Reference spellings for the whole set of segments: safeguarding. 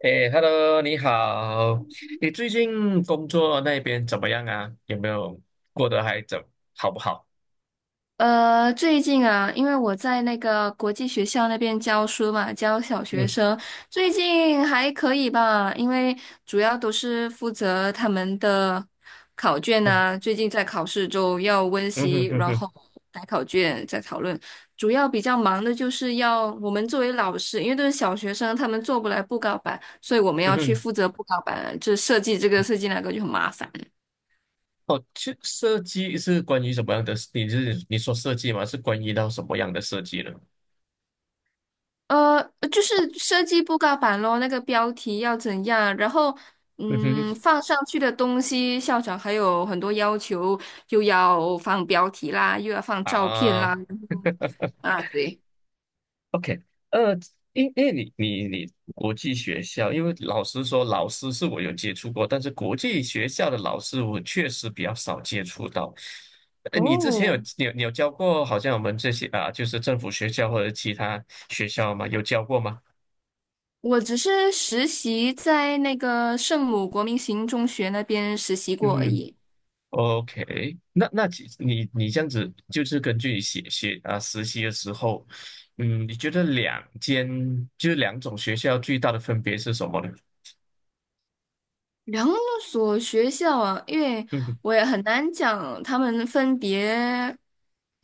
哎，Hello，你好。你最近工作那边怎么样啊？有没有过得还怎好不好？最近啊，因为我在那个国际学校那边教书嘛，教小学嗯。生，最近还可以吧，因为主要都是负责他们的考卷嗯。啊，最近在考试周要温嗯习，哼。嗯然哼。后改考卷，再讨论。主要比较忙的就是要我们作为老师，因为都是小学生，他们做不来布告板，所以我们嗯要去哼。负责布告板，就设计这个设计那个就很麻烦。哦，其实设计是关于什么样的？你说设计吗？是关于到什么样的设计呢？就是设计布告板咯，那个标题要怎样，然后嗯哼。嗯，放上去的东西，校长还有很多要求，又要放标题啦，又要放照片啦，啊。然后啊，对，OK。呃，因为你国际学校，因为老实说，老师是我有接触过，但是国际学校的老师我确实比较少接触到。你之前有哦，你有教过，好像我们这些啊，就是政府学校或者其他学校吗？有教过吗？我只是实习在那个圣母国民型中学那边实习过而嗯已。，OK。那你这样子，就是根据你写写啊实习的时候，嗯，你觉得就是两种学校最大的分别是什么呢？两所学校啊，因为嗯。我也很难讲他们分别，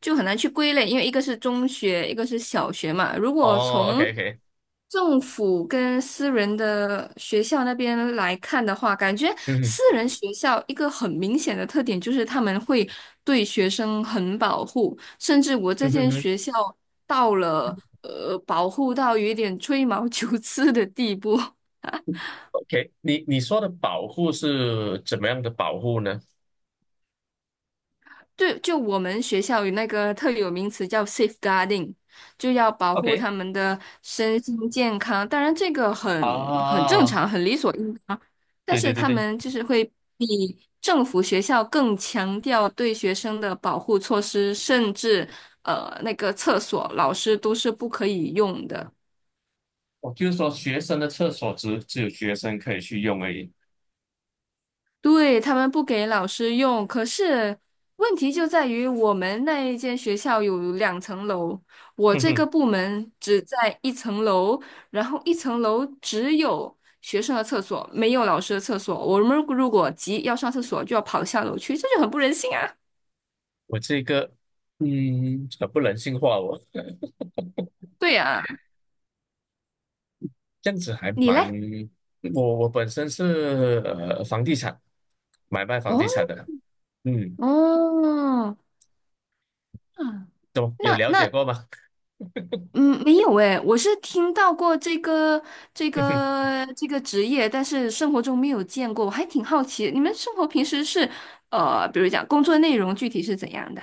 就很难去归类，因为一个是中学，一个是小学嘛。如果哦，OK 从 OK。政府跟私人的学校那边来看的话，感觉嗯。私人学校一个很明显的特点就是他们会对学生很保护，甚至我这嗯哼间哼学校到了保护到有一点吹毛 求疵的地步。，OK，你说的保护是怎么样的保护呢对，就我们学校有那个特有名词叫 safeguarding，就要保护？OK。他们的身心健康。当然，这个很正啊。常，很理所应当。但对对是对他对，们就是会比政府学校更强调对学生的保护措施，甚至那个厕所老师都是不可以用的。我就是说学生的厕所只有学生可以去用而已。对，他们不给老师用，可是问题就在于我们那一间学校有两层楼，我嗯这哼。个部门只在一层楼，然后一层楼只有学生的厕所，没有老师的厕所。我们如果急要上厕所，就要跑下楼去，这就很不人性啊！我这个，嗯，很不人性化哦，对呀，这样子还你蛮。嘞？我本身是房地产买卖房哦地产的。嗯，哦，嗯，都有那了解那过吗？嗯，没有诶，我是听到过这个职业，但是生活中没有见过，我还挺好奇，你们生活平时是比如讲工作内容具体是怎样的？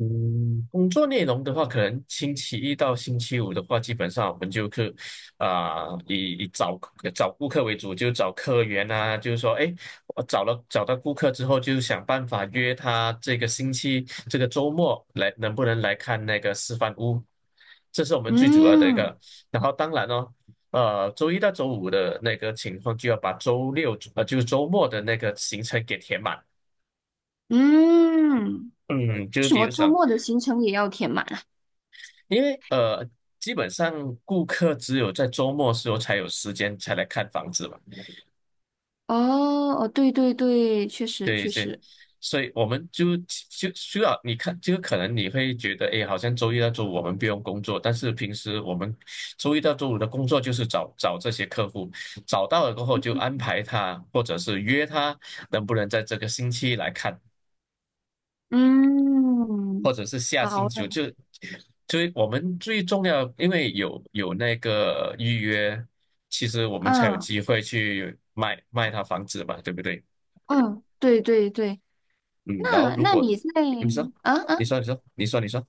嗯，工作内容的话，可能星期一到星期五的话，基本上我们就是啊、以以找呃找顾客为主，就找客源啊。就是说，哎，我找到顾客之后，就想办法约他这个星期这个周末来，能不能来看那个示范屋？这是我们最主要的一嗯个。然后当然哦，周一到周五的那个情况，就要把就是周末的那个行程给填满。嗯，嗯，就为是什比么如周说。末的行程也要填满啊？因为基本上顾客只有在周末时候才有时间才来看房子嘛。哦哦，对对对，确实对确对，实，所以我们就需要你看，就可能你会觉得，哎，好像周一到周五我们不用工作，但是平时我们周一到周五的工作就是找找这些客户，找到了过后就安排他，或者是约他能不能在这个星期来看，嗯，或者是下星好的，期就我们最重要，因为有那个预约，其实我们才有嗯机会去卖一套房子嘛，对不对？嗯，对对对，嗯，然后那如那果你在你说，啊啊？你说，你说，你说，你说，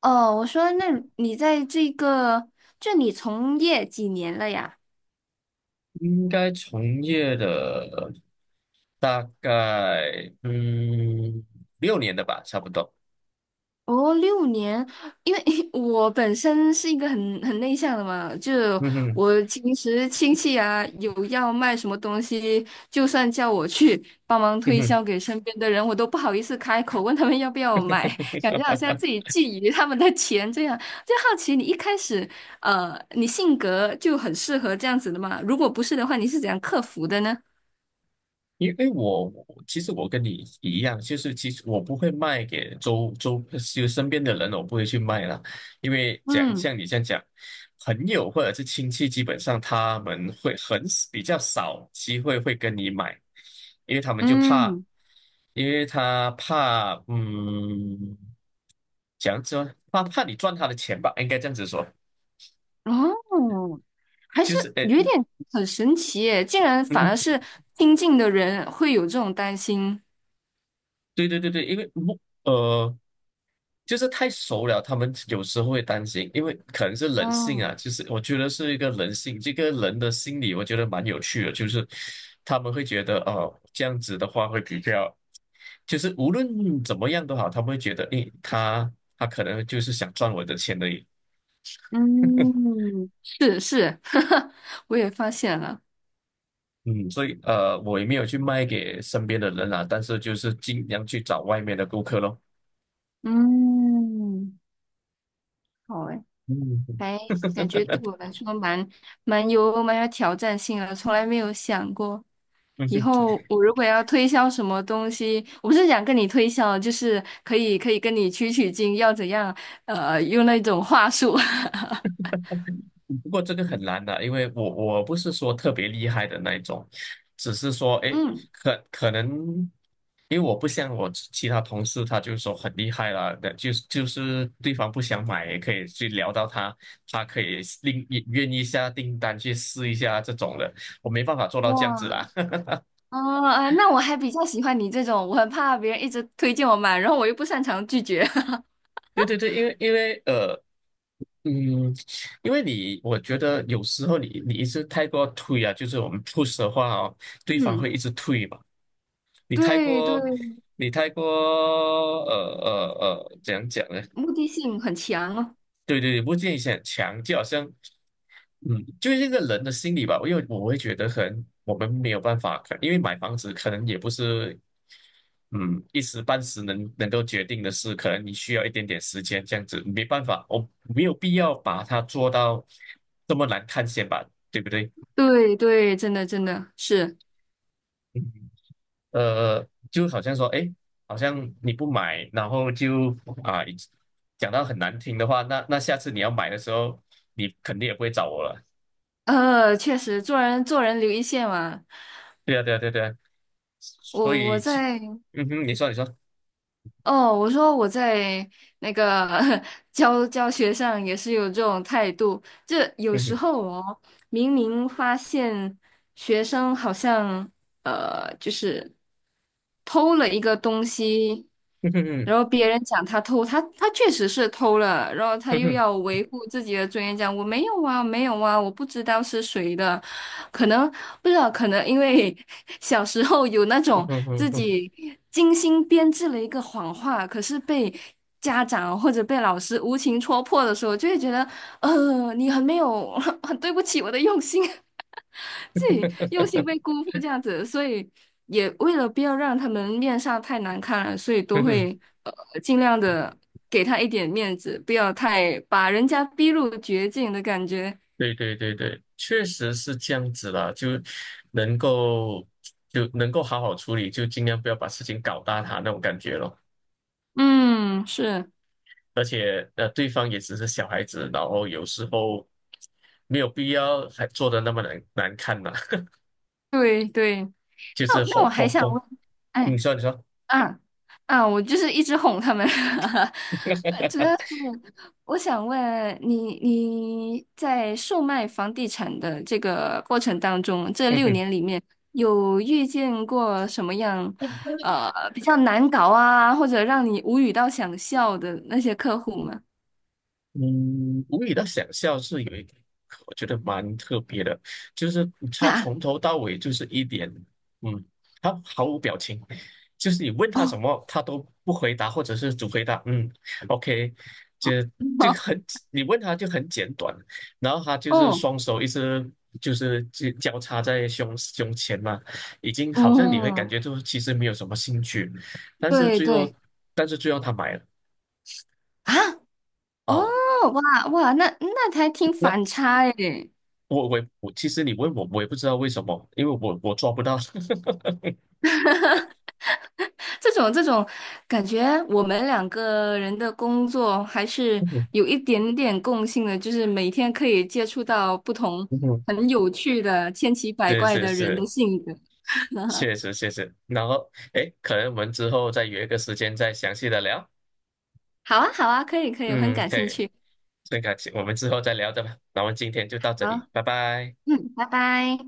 哦，我说，那你在这个，就你从业几年了呀？应该从业的大概六年的吧，差不多。哦，六年，因为 我本身是一个很内向的嘛，就嗯哼。我平时亲戚啊有要卖什么东西，就算叫我去帮忙嗯推哼。销给身边的人，我都不好意思开口问他们要不要买，感觉好像自 己觊觎他们的钱这样。就好奇你一开始，你性格就很适合这样子的嘛？如果不是的话，你是怎样克服的呢？因为我其实我跟你一样，就是其实我不会卖给就身边的人，我不会去卖啦。因为讲嗯。像你这样讲，朋友或者是亲戚，基本上他们会比较少机会会跟你买，因为他们就怕。嗯，因为他怕嗯，讲说怕你赚他的钱吧，应该这样子说。哦，还就是是诶。有一点很神奇耶，竟然反嗯。而是亲近的人会有这种担心。对对对对，因为不呃。就是太熟了，他们有时候会担心，因为可能是人性哦，啊，就是我觉得是一个人性，这个人的心理，我觉得蛮有趣的，就是他们会觉得，哦，这样子的话会比较，就是无论怎么样都好，他们会觉得，诶，他可能就是想赚我的钱而已。嗯，是是，我也发现了。嗯，所以我也没有去卖给身边的人啊，但是就是尽量去找外面的顾客咯。嗯，好诶，嗯。 还感觉对我来说蛮有挑战性的，从来没有想过。以 后我如果要推销什么东西，我不是想跟你推销，就是可以可以跟你取取经，要怎样？用那种话术。不过这个很难的，因为我不是说特别厉害的那一种，只是说，哎，嗯，可能，因为我不像我其他同事，他就说很厉害啦，那就是对方不想买也可以去聊到他，他可以另也愿意下订单去试一下这种的，我没办法做到这样子哇，啦。哦，啊那我还比较喜欢你这种，我很怕别人一直推荐我买，然后我又不擅长拒绝。对对对，因为因为呃。嗯。因为你，我觉得有时候你一直太过推啊，就是我们 push 的话哦，对方会嗯，一直推嘛。你太对对，过。你太过。呃呃怎样讲呢？目的性很强哦。对对对，不建议很强，就好像，嗯，就是这个人的心理吧。因为我会觉得，可能我们没有办法，因为买房子可能也不是，嗯，一时半时能够决定的事，可能你需要一点点时间，这样子没办法，我没有必要把它做到这么难看先吧，对不对？对对，真的真的是，嗯。就好像说，哎，好像你不买，然后就啊，讲到很难听的话。那下次你要买的时候，你肯定也不会找我了。确实做人做人留一线嘛。对啊，对啊，对啊对啊。我所我以就。在。嗯哼。你说，你说。哦，我说我在那个 教学上也是有这种态度，就有嗯时哼。候哦，明明发现学生好像就是偷了一个东西，嗯哼。然后别人讲他偷，他确实是偷了，然后他嗯又哼。要维护自己的尊严，讲我没有啊，没有啊，我不知道是谁的，可能不知道，可能因为 小时候有那嗯种哼。嗯自哼。己精心编制了一个谎话，可是被家长或者被老师无情戳破的时候，就会觉得你很没有，很对不起我的用心，自己用心被辜负这样子，所以也为了不要让他们面上太难看了，所以都嗯哼。会呃尽量的给他一点面子，不要太把人家逼入绝境的感觉。对对对对，确实是这样子啦，能够就能够好好处理，就尽量不要把事情搞大它那种感觉咯。嗯，是，而且对方也只是小孩子，然后有时候没有必要还做的那么难看嘛。对对。就那是那我哄还哄想哄。问，嗯。哎。你说，你说。嗯嗯，我就是一直哄他们，主要是我想问你，你在售卖房地产的这个过程当中，这嗯六哼。年里面有遇见过什么样，比较难搞啊，或者让你无语到想笑的那些客户吗？嗯，无理的想象是有一点，我觉得蛮特别的，就是 他啊，从头到尾就是一点，嗯，他毫无表情，就是你问他什哦，么，他都不回答，或者是只回答嗯。OK。就这个很，你问他就很简短，然后他就是哦，双手一直就是交叉在胸前嘛，已经好像你会感哦，觉就是其实没有什么兴趣。但是对最后对，他买了啊，哦，哦。哇哇，那还挺那反差诶，我，其实你问我，我也不知道为什么，因为我抓不到。这种感觉，我们两个人的工作还是嗯。有一点点共性的，就是每天可以接触到不同嗯。很有趣的、千奇百是怪是的人的是，性格。确实确实。然后，诶，可能我们之后再约一个时间再详细的聊。好啊，好啊，可以可以，我很嗯，感可兴以，趣。很感谢，我们之后再聊着吧。那我们今天就到这好，里，拜拜。嗯，拜拜。